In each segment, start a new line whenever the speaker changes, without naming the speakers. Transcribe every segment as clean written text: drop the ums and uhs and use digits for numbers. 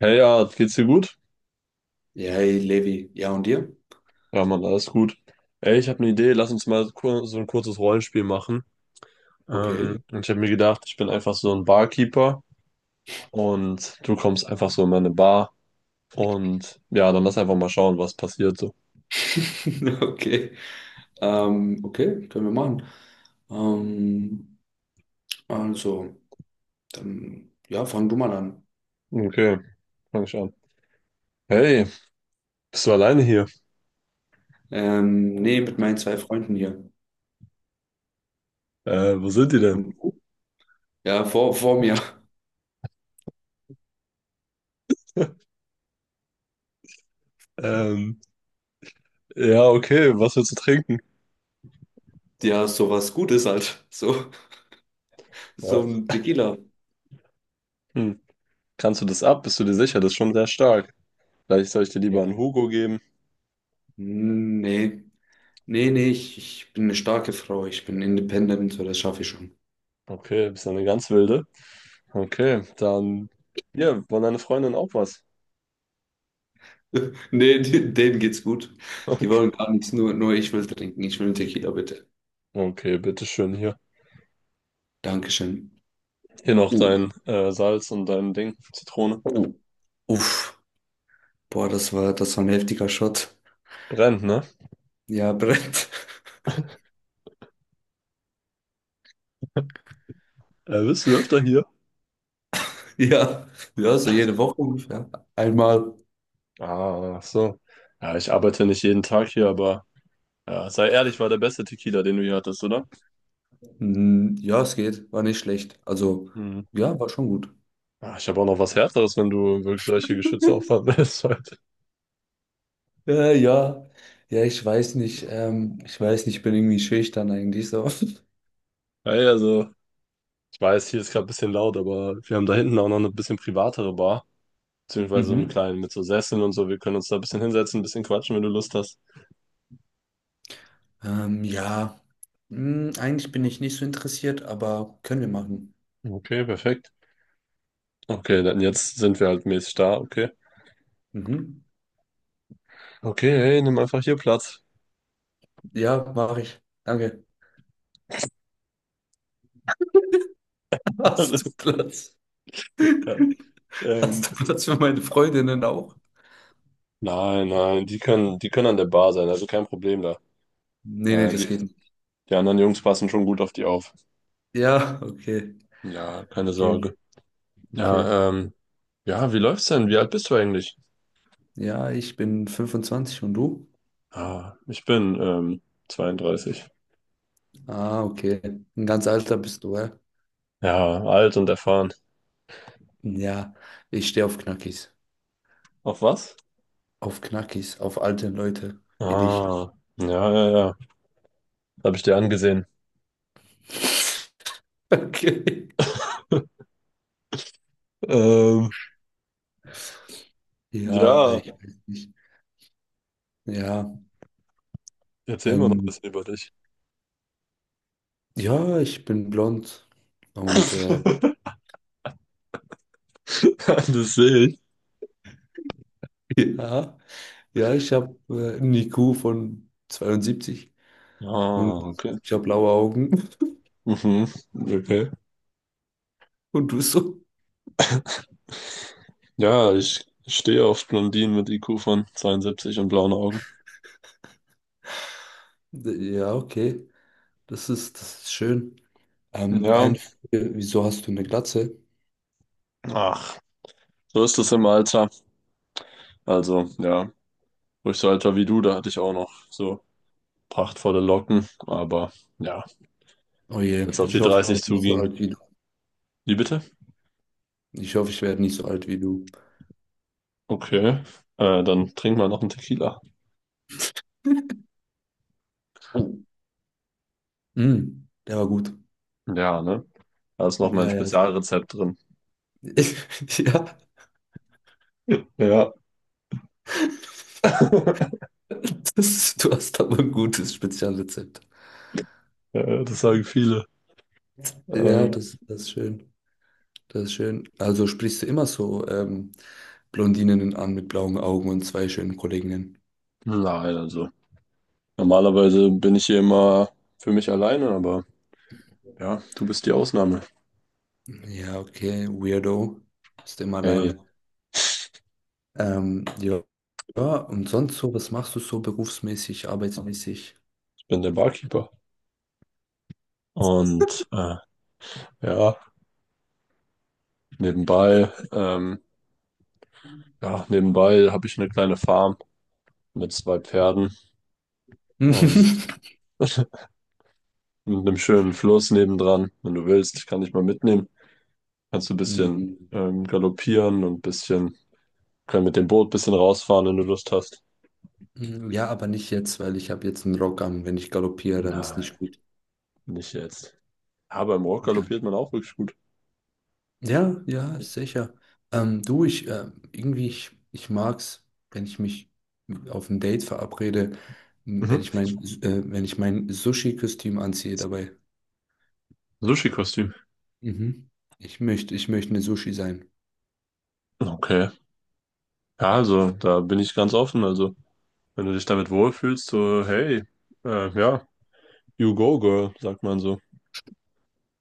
Hey, ja, geht's dir gut?
Ja, hey, Levi. Ja, und dir?
Ja, Mann, alles gut. Ey, ich habe eine Idee, lass uns mal so ein kurzes Rollenspiel machen.
Okay.
Und ich habe mir gedacht, ich bin einfach so ein Barkeeper und du kommst einfach so in meine Bar. Und ja, dann lass einfach mal schauen, was passiert so.
Okay. Okay, können wir machen. Ähm, also, dann, ja, fang du mal an.
Okay, fang ich an. Hey, bist du alleine hier?
Nee, mit meinen zwei Freunden hier.
Wo sind die denn?
Und, ja, vor mir.
Ähm, ja, okay, was willst du trinken?
Ja, sowas Gutes halt. So,
Ja.
so ein Tequila.
Hm. Kannst du das ab? Bist du dir sicher? Das ist schon sehr stark. Vielleicht soll ich dir lieber
Ja.
einen Hugo geben.
Nee. Nee, nee, ich bin eine starke Frau. Ich bin independent, so das schaffe ich schon.
Okay, bist du eine ganz wilde. Okay, dann hier, von deiner Freundin auch was.
Nee, denen geht's gut. Die
Okay,
wollen gar nichts, nur ich will trinken. Ich will einen Tequila, bitte.
okay, bitteschön hier.
Dankeschön.
Hier noch dein Salz und dein Ding, Zitrone.
Uff, boah, das war ein heftiger Shot.
Brennt, ne?
Ja, Brett.
Bist du öfter hier?
Ja, ja, so jede Woche ungefähr. Einmal.
Ah, ach so. Ja, ich arbeite nicht jeden Tag hier, aber ja, sei ehrlich, war der beste Tequila, den du hier hattest, oder?
Hm, ja, es geht. War nicht schlecht. Also,
Hm.
ja, war schon gut.
Ah, ich habe auch noch was Härteres, wenn du wirklich solche Geschütze aufladen willst. heute.
Ja, ja. Ja, ich weiß nicht. Ich weiß nicht, ich bin irgendwie schüchtern eigentlich so.
Hey, also, ich weiß, hier ist gerade ein bisschen laut, aber wir haben da hinten auch noch eine bisschen privatere Bar. Beziehungsweise so einen
Mhm.
kleinen mit so Sesseln und so. Wir können uns da ein bisschen hinsetzen, ein bisschen quatschen, wenn du Lust hast.
Ja. Hm, eigentlich bin ich nicht so interessiert, aber können wir machen.
Okay, perfekt. Okay, dann jetzt sind wir halt mäßig da, okay.
Mhm.
Okay, hey, nimm einfach hier Platz.
Ja, mache ich. Danke. Hast du
Alles-
Platz?
ja. ähm,
Hast du Platz für meine Freundinnen auch?
nein, nein, die können an der Bar sein, also kein Problem da.
Nee, nee,
Äh,
das
die,
geht nicht.
die anderen Jungs passen schon gut auf die auf.
Ja, okay.
Ja, keine
Okay,
Sorge.
okay.
Ja, ja, wie läuft's denn? Wie alt bist du eigentlich?
Ja, ich bin 25 und du?
Ah, ich bin, 32.
Ah, okay. Ein ganz alter bist du, hä?
Ja, alt und erfahren.
Ja, ich stehe auf Knackis.
Auf was?
Auf Knackis, auf alte Leute wie dich.
Ah, ja, ja, ja. Habe ich dir angesehen.
Okay.
Ähm,
Ja,
ja,
ich weiß nicht. Ja,
erzähl mir noch ein
ähm,
bisschen über dich.
ja, ich bin blond und
Das sehe ich.
ja, ja, ich habe einen IQ von 72 und
Ah, okay.
ich habe blaue Augen.
Mhm, okay.
Und du bist so,
Ja, ich stehe auf Blondinen mit IQ von 72 und blauen Augen.
ja, okay, das ist schön.
Ja,
Eine Frage, wieso hast du eine Glatze?
ach, so ist es im Alter. Also, ja, ruhig so Alter wie du, da hatte ich auch noch so prachtvolle Locken, aber ja,
Oh je,
als auf
ich
die
hoffe, ich
30
werde nicht so
zuging.
alt wie du.
Wie bitte?
Ich hoffe, ich werde nicht so alt wie du.
Okay, dann trinken wir noch einen Tequila.
Oh. Mm, der war gut.
Ja, ne? Da ist noch ein
Ja, ja, sehr.
Spezialrezept drin.
Ja,
Ja,
das, du hast aber ein gutes Spezialrezept.
ja, das sagen viele.
Ja,
Ähm,
das ist schön. Das ist schön. Also sprichst du immer so Blondinen an mit blauen Augen und zwei schönen Kolleginnen.
nein, also normalerweise bin ich hier immer für mich alleine, aber ja, du bist die Ausnahme.
Ja, okay, Weirdo. Bist immer
Hey,
alleine. Ja, und sonst so, was machst du so berufsmäßig, arbeitsmäßig?
ich bin der Barkeeper. Und ja, nebenbei, ähm, ja, nebenbei habe ich eine kleine Farm mit zwei Pferden und mit einem schönen Fluss nebendran. Wenn du willst, ich kann dich mal mitnehmen. Kannst du ein bisschen
Mhm.
galoppieren und ein bisschen können mit dem Boot ein bisschen rausfahren, wenn du Lust hast.
Ja, aber nicht jetzt, weil ich habe jetzt einen Rock an. Wenn ich galoppiere, dann ist
Nein.
nicht gut.
Nicht jetzt. Ja, beim Walk
Ja,
galoppiert man auch wirklich gut.
ja, ja, sicher. Du, ich irgendwie, ich mag's, wenn ich mich auf ein Date verabrede, m,
Mhm.
wenn ich mein Sushi-Kostüm anziehe dabei.
Sushi-Kostüm.
Mhm. Ich möchte eine Sushi sein.
Okay. Ja, also, da bin ich ganz offen. Also, wenn du dich damit wohlfühlst, so, hey, ja, you go, girl, sagt man so.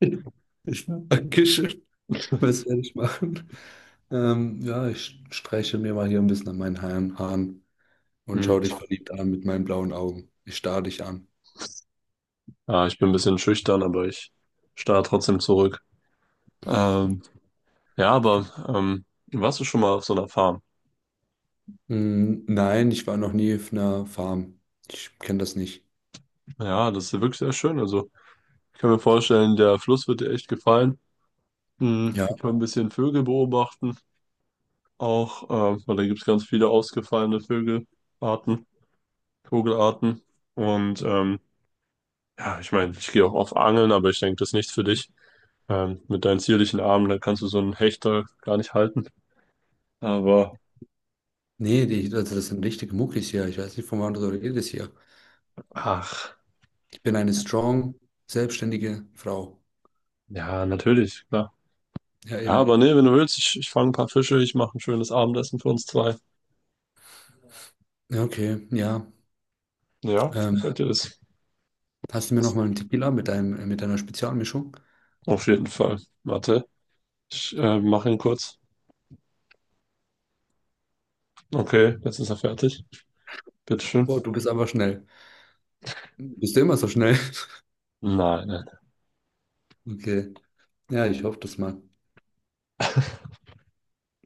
Dankeschön. Was werde ich machen? Ja, ich streiche mir mal hier ein bisschen an meinen Haaren und
Mhm.
schaue dich verliebt an mit meinen blauen Augen. Ich starre dich an.
Ja, ich bin ein bisschen schüchtern, aber ich starre trotzdem zurück. Ähm, ja, aber warst du schon mal auf so einer Farm?
Mm, nein, ich war noch nie auf einer Farm. Ich kenne das nicht.
Ja, das ist wirklich sehr schön. Also, ich kann mir vorstellen, der Fluss wird dir echt gefallen. Mhm.
Ja,
Wir können ein bisschen Vögel beobachten. Auch, weil da gibt es ganz viele ausgefallene Vogelarten. Und ja, ich meine, ich gehe auch auf Angeln, aber ich denke, das ist nichts für dich. Mit deinen zierlichen Armen, da kannst du so einen Hecht da gar nicht halten. Aber
nee, also das sind richtige Muckis hier. Ich weiß nicht, von wann du redest hier.
ach,
Ich bin eine strong, selbstständige Frau.
ja, natürlich, klar.
Ja,
Ja, aber
eben.
nee, wenn du willst, ich fange ein paar Fische, ich mache ein schönes Abendessen für uns zwei.
Ja, okay, ja.
Ja,
Ähm,
gefällt dir das?
hast du mir noch mal einen Tequila mit mit deiner Spezialmischung?
Auf jeden Fall. Warte, ich mache ihn kurz. Okay, jetzt ist er fertig. Bitteschön.
Oh, du bist aber schnell. Bist du immer so schnell?
Nein, nein.
Okay. Ja, ich hoffe das mal.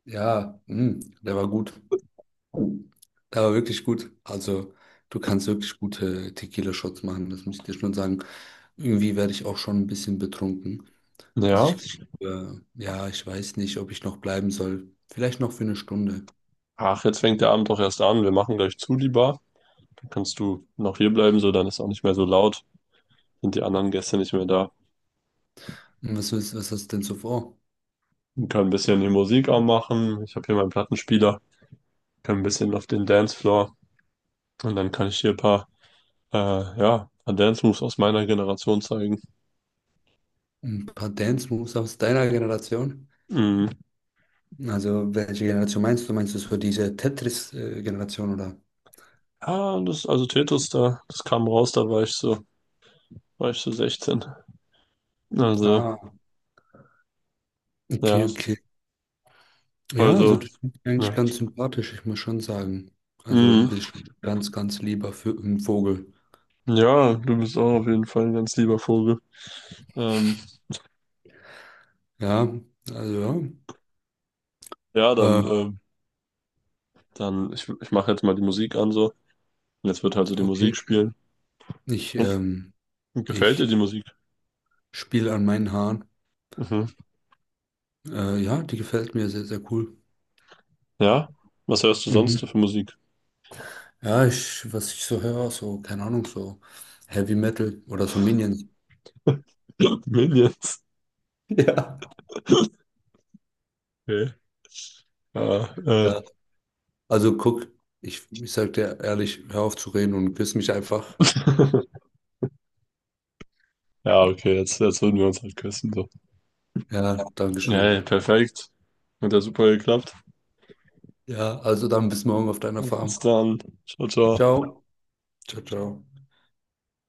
Ja, mh, der war gut. Der war wirklich gut. Also, du kannst wirklich gute Tequila-Shots machen, das muss ich dir schon sagen. Irgendwie werde ich auch schon ein bisschen betrunken. Also,
Ja.
ja, ich weiß nicht, ob ich noch bleiben soll. Vielleicht noch für eine Stunde.
Ach, jetzt fängt der Abend doch erst an. Wir machen gleich zu, die Bar. Dann kannst du noch hier bleiben, so dann ist auch nicht mehr so laut. Sind die anderen Gäste nicht mehr da.
Und was was hast du denn so vor?
Wir können ein bisschen die Musik anmachen. Ich habe hier meinen Plattenspieler. Können ein bisschen auf den Dancefloor. Und dann kann ich hier ein paar, ja, ein paar Dance-Moves aus meiner Generation zeigen.
Ein paar Dance-Moves aus deiner Generation?
Mhm.
Also, welche Generation meinst du? Meinst du so diese Tetris-Generation oder?
Ja, das, also Tetos da, das kam raus, da war ich so 16. Also,
Ah, okay,
ja,
okay. Ja, also
also,
du klingst eigentlich
ja.
ganz sympathisch, ich muss schon sagen. Also du
Mhm.
bist schon ein ganz, ganz lieber für ein Vogel.
Ja, du bist auch auf jeden Fall ein ganz lieber Vogel. Ähm,
Ja, also
ja,
ja.
dann. Dann, ich mache jetzt mal die Musik an so. Und jetzt wird halt so die Musik
Okay.
spielen.
Ich, ähm,
Hm, gefällt dir
ich
die Musik?
spiele an meinen Haaren.
Mhm.
Ja, die gefällt mir sehr, sehr cool.
Ja? Was hörst du sonst
Mhm.
für Musik?
Ja, ich, was ich so höre, so, keine Ahnung, so Heavy Metal oder so Minions.
Minions.
Ja.
Okay. Ja.
Ja. Also guck, ich sag dir ehrlich, hör auf zu reden und küss mich einfach.
Ja, okay, jetzt, jetzt würden wir uns halt küssen so.
Ja,
Ja,
Dankeschön.
hey, perfekt. Hat ja super geklappt.
Ja, also dann bis morgen auf deiner
Bis
Farm.
dann. Ciao, ciao.
Ciao. Ciao, ciao.